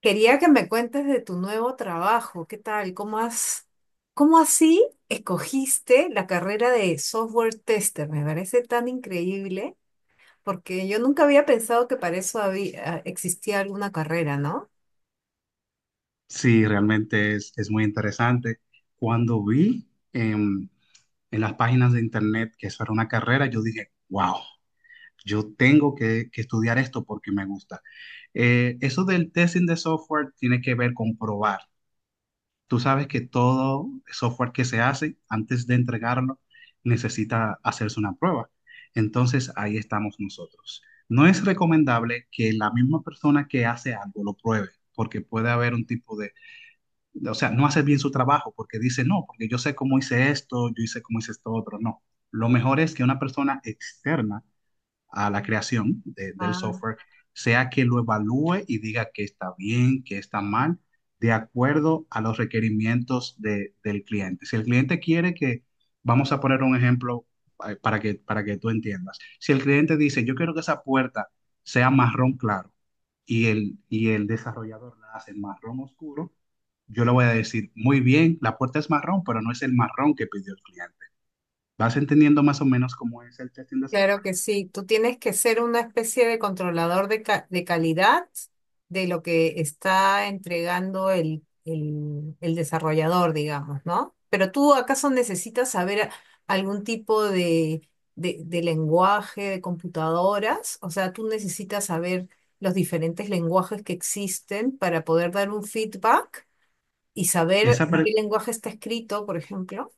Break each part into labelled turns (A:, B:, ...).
A: Quería que me cuentes de tu nuevo trabajo. ¿Qué tal? ¿Cómo así escogiste la carrera de software tester? Me parece tan increíble porque yo nunca había pensado que para eso existía alguna carrera, ¿no?
B: Sí, realmente es muy interesante. Cuando vi em, en las páginas de internet que eso era una carrera, yo dije, wow, yo tengo que estudiar esto porque me gusta. Eso del testing de software tiene que ver con probar. Tú sabes que todo software que se hace, antes de entregarlo, necesita hacerse una prueba. Entonces, ahí estamos nosotros. No es recomendable que la misma persona que hace algo lo pruebe, porque puede haber un tipo de, o sea, no hace bien su trabajo porque dice, no, porque yo sé cómo hice esto, yo hice cómo hice esto otro, no. Lo mejor es que una persona externa a la creación del software, sea que lo evalúe y diga que está bien, que está mal, de acuerdo a los requerimientos del cliente. Si el cliente quiere que, vamos a poner un ejemplo, para que tú entiendas, si el cliente dice, yo quiero que esa puerta sea marrón claro y el desarrollador la hace marrón oscuro, yo le voy a decir, muy bien, la puerta es marrón, pero no es el marrón que pidió el cliente. Vas entendiendo más o menos cómo es el testing de
A: Claro
B: software.
A: que sí, tú tienes que ser una especie de de calidad de lo que está entregando el desarrollador, digamos, ¿no? Pero tú acaso necesitas saber algún tipo de lenguaje de computadoras, o sea, tú necesitas saber los diferentes lenguajes que existen para poder dar un feedback y saber
B: Esa,
A: en qué lenguaje está escrito, por ejemplo.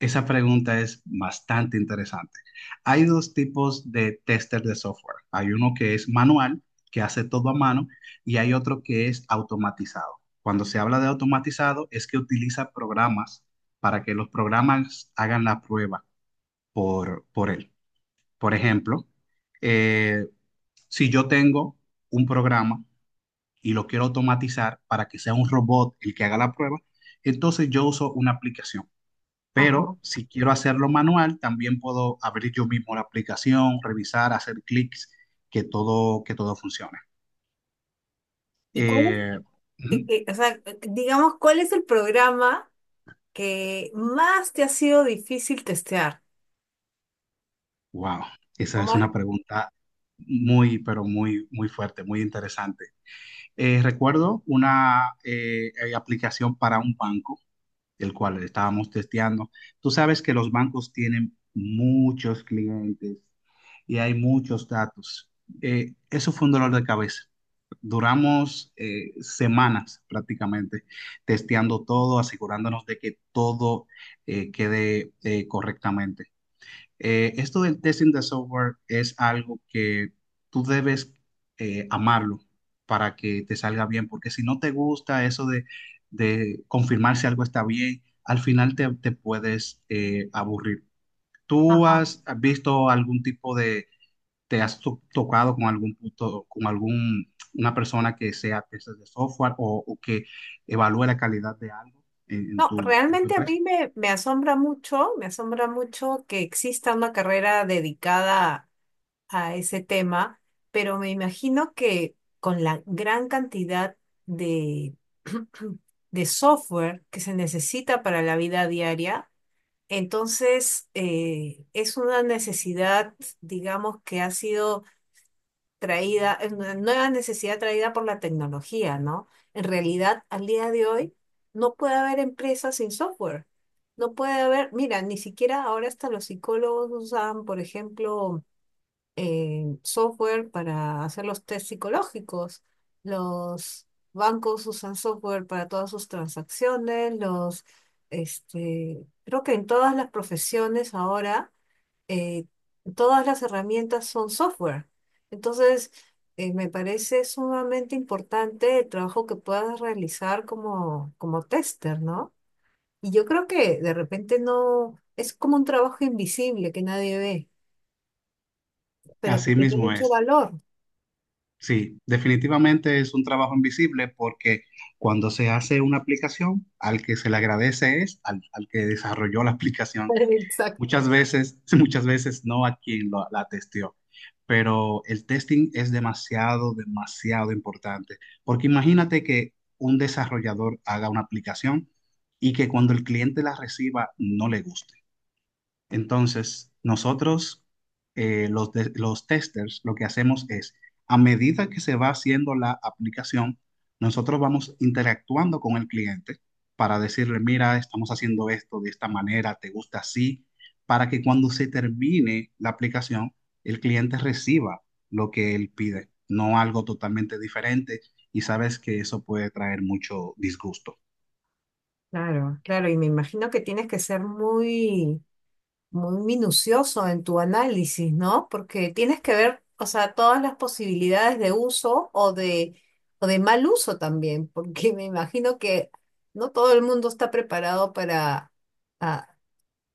B: Esa pregunta es bastante interesante. Hay dos tipos de tester de software. Hay uno que es manual, que hace todo a mano, y hay otro que es automatizado. Cuando se habla de automatizado es que utiliza programas para que los programas hagan la prueba por él. Por ejemplo, eh, si yo tengo un programa y lo quiero automatizar para que sea un robot el que haga la prueba, entonces yo uso una aplicación. Pero
A: Ajá.
B: si quiero hacerlo manual, también puedo abrir yo mismo la aplicación, revisar, hacer clics, que todo funcione.
A: ¿Y cuál
B: Eh, ujú.
A: o sea, digamos, ¿cuál es el programa que más te ha sido difícil testear?
B: Wow,
A: O
B: esa es
A: más-
B: una pregunta muy, pero muy, muy fuerte, muy interesante. Recuerdo una aplicación para un banco, el cual estábamos testeando. Tú sabes que los bancos tienen muchos clientes y hay muchos datos. Eso fue un dolor de cabeza. Duramos semanas prácticamente testeando todo, asegurándonos de que todo quede correctamente. Esto del testing de software es algo que tú debes amarlo para que te salga bien, porque si no te gusta eso de confirmar si algo está bien, al final te puedes aburrir. ¿Tú
A: Ajá.
B: has visto algún tipo de, te has tocado con algún punto, con algún, una persona que sea tester de software o que evalúe la calidad de algo en
A: No,
B: en tu
A: realmente a
B: empresa?
A: me asombra mucho que exista una carrera dedicada a ese tema, pero me imagino que con la gran cantidad de, de software que se necesita para la vida diaria, entonces es una necesidad, digamos, que ha sido traída, es una nueva necesidad traída por la tecnología, ¿no? En realidad, al día de hoy, no puede haber empresas sin software. No puede haber, mira, ni siquiera ahora hasta los psicólogos usan, por ejemplo, software para hacer los test psicológicos. Los bancos usan software para todas sus transacciones, los, este, creo que en todas las profesiones ahora eh, todas las herramientas son software. Entonces, me parece sumamente importante el trabajo que puedas realizar como, como tester, ¿no? Y yo creo que de repente no, es como un trabajo invisible que nadie ve, pero que
B: Así
A: tiene
B: mismo
A: mucho
B: es.
A: valor.
B: Sí, definitivamente es un trabajo invisible porque cuando se hace una aplicación, al que se le agradece es al que desarrolló la aplicación. Muchas
A: Exacto.
B: veces, muchas veces no a quien la testeó. Pero el testing es demasiado, demasiado importante. Porque imagínate que un desarrollador haga una aplicación y que cuando el cliente la reciba no le guste. Entonces, nosotros, los, los testers, lo que hacemos es, a medida que se va haciendo la aplicación, nosotros vamos interactuando con el cliente para decirle, mira, estamos haciendo esto de esta manera, ¿te gusta así? Para que cuando se termine la aplicación, el cliente reciba lo que él pide, no algo totalmente diferente. Y sabes que eso puede traer mucho disgusto.
A: Claro, claro, y me imagino que tienes que ser muy muy minucioso en tu análisis, ¿no? Porque tienes que ver, o sea, todas las posibilidades de uso o de mal uso también, porque me imagino que no todo el mundo está preparado para, ah,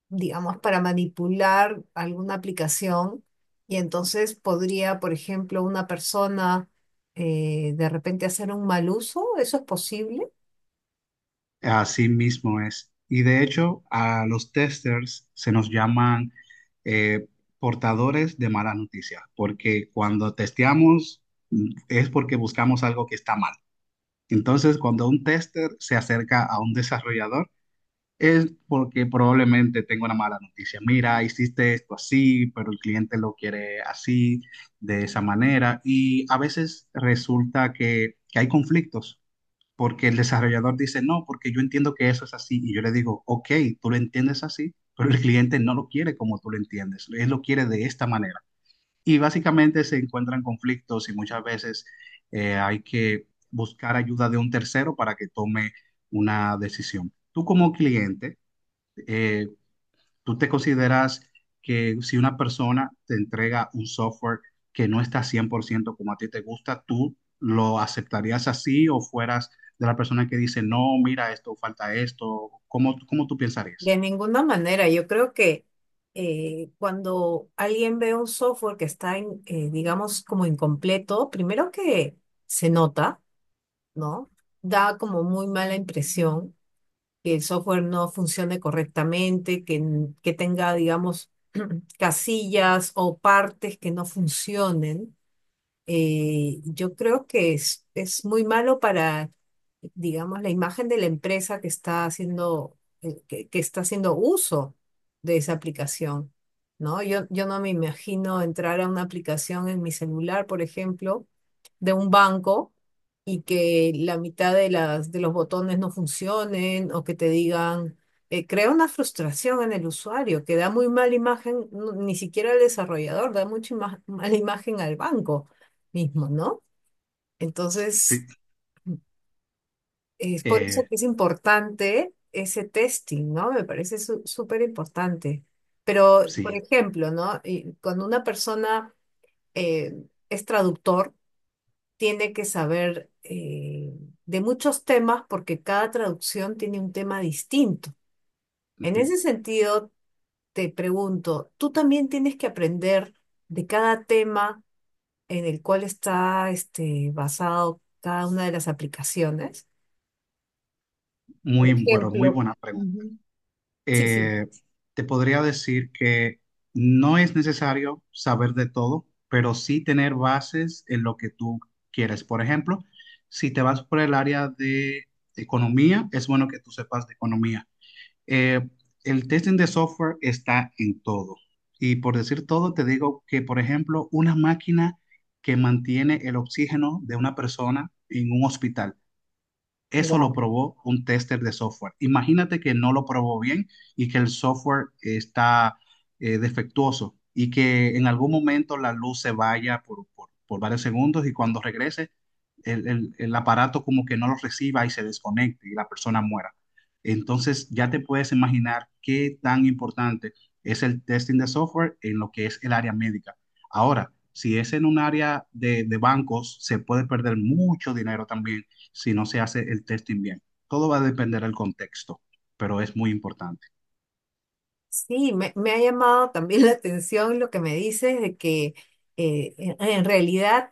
A: digamos, para manipular alguna aplicación y entonces podría, por ejemplo, una persona de repente hacer un mal uso, ¿eso es posible?
B: Así mismo es. Y de hecho, a los testers se nos llaman eh, portadores de mala noticia, porque cuando testeamos es porque buscamos algo que está mal. Entonces, cuando un tester se acerca a un desarrollador, es porque probablemente tenga una mala noticia. Mira, hiciste esto así, pero el cliente lo quiere así, de esa manera. Y a veces resulta que hay conflictos porque el desarrollador dice, no, porque yo entiendo que eso es así. Y yo le digo, ok, tú lo entiendes así, pero el cliente no lo quiere como tú lo entiendes, él lo quiere de esta manera. Y básicamente se encuentran conflictos y muchas veces hay que buscar ayuda de un tercero para que tome una decisión. Tú como cliente, eh, ¿tú te consideras que si una persona te entrega un software que no está 100% como a ti te gusta, tú lo aceptarías así o fueras de la persona que dice, no, mira esto, falta esto? ¿Cómo, cómo tú pensarías?
A: De ninguna manera, yo creo que cuando alguien ve un software que digamos, como incompleto, primero que se nota, ¿no? Da como muy mala impresión que el software no funcione correctamente, que tenga, digamos, casillas o partes que no funcionen yo creo que es muy malo para, digamos, la imagen de la empresa que está haciendo, que está haciendo uso de esa aplicación, ¿no? Yo no me imagino entrar a una aplicación en mi celular, por ejemplo de un banco y que la mitad de de los botones no funcionen o que te digan, crea una frustración en el usuario que da muy mala imagen, ni siquiera al desarrollador, da mucha mala imagen al banco mismo, ¿no?
B: Sí,
A: Entonces, es por eso
B: eh,
A: que es importante ese testing, ¿no? Me parece súper importante. Pero, por
B: sí.
A: ejemplo, ¿no? Y cuando una persona eh, es traductor, tiene que saber de muchos temas porque cada traducción tiene un tema distinto. En
B: Ujú.
A: ese sentido, te pregunto, tú también tienes que aprender de cada tema en el cual está este, basado cada una de las aplicaciones. Por
B: Muy, bueno, muy
A: ejemplo,
B: buena pregunta.
A: Ujú. Sí, sí,
B: eh, Te podría decir que no es necesario saber de todo, pero sí tener bases en lo que tú quieres. Por ejemplo, si te vas por el área de economía, es bueno que tú sepas de economía. Eh, el testing de software está en todo. Y por decir todo, te digo que, por ejemplo, una máquina que mantiene el oxígeno de una persona en un hospital. Eso lo
A: wow.
B: probó un tester de software. Imagínate que no lo probó bien y que el software está defectuoso y que en algún momento la luz se vaya por, por varios segundos y cuando regrese el, el aparato como que no lo reciba y se desconecte y la persona muera. Entonces ya te puedes imaginar qué tan importante es el testing de software en lo que es el área médica. Ahora, si es en un área de bancos, se puede perder mucho dinero también si no se hace el testing bien. Todo va a depender del contexto, pero es muy importante.
A: Sí, me ha llamado también la atención lo que me dices de que en realidad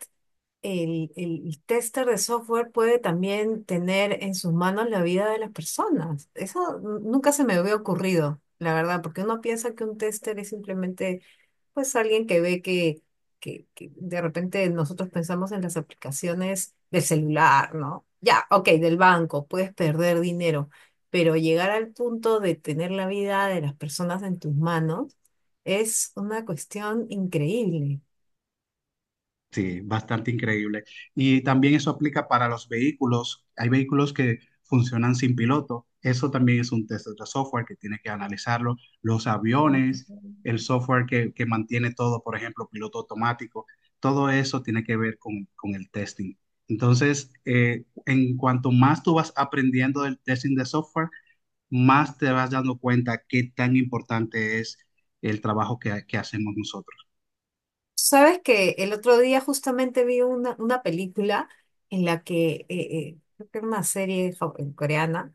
A: el tester de software puede también tener en sus manos la vida de las personas. Eso nunca se me había ocurrido, la verdad, porque uno piensa que un tester es simplemente pues alguien que ve que de repente nosotros pensamos en las aplicaciones del celular, ¿no? Ya, ok, del banco, puedes perder dinero, pero llegar al punto de tener la vida de las personas en tus manos es una cuestión increíble.
B: Sí, bastante increíble. Y también eso aplica para los vehículos. Hay vehículos que funcionan sin piloto. Eso también es un test de software que tiene que analizarlo. Los aviones, el software que mantiene todo, por ejemplo, piloto automático, todo eso tiene que ver con el testing. Entonces, en cuanto más tú vas aprendiendo del testing de software, más te vas dando cuenta qué tan importante es el trabajo que hacemos nosotros.
A: Sabes que el otro día justamente vi una película en la que, creo que era una serie coreana,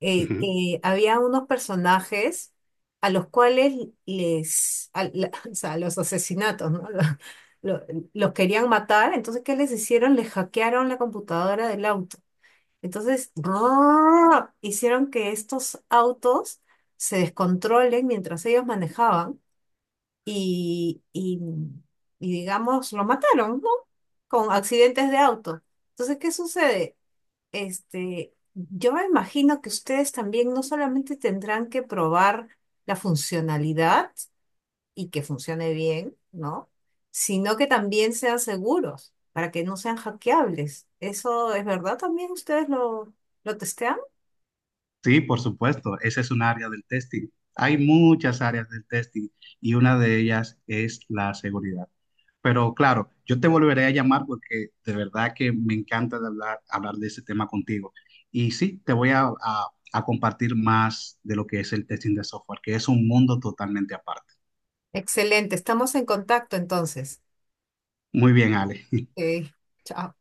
B: Ujú.
A: que había unos personajes a los cuales o sea, los asesinatos, ¿no? Lo- los querían matar, entonces ¿qué les hicieron? Les hackearon la computadora del auto. Entonces, hicieron que estos autos se descontrolen mientras ellos manejaban y, y, y, digamos, lo mataron, ¿no? Con accidentes de auto. Entonces, ¿qué sucede? Este, yo me imagino que ustedes también no solamente tendrán que probar la funcionalidad y que funcione bien, ¿no? Sino que también sean seguros para que no sean hackeables. ¿Eso es verdad también? ¿Ustedes lo testean?
B: Sí, por supuesto, esa es un área del testing. Hay muchas áreas del testing y una de ellas es la seguridad. Pero claro, yo te volveré a llamar porque de verdad que me encanta de hablar, hablar de ese tema contigo. Y sí, te voy a compartir más de lo que es el testing de software, que es un mundo totalmente aparte.
A: Excelente, estamos en contacto entonces.
B: Muy bien, Ale.
A: Ok, chao.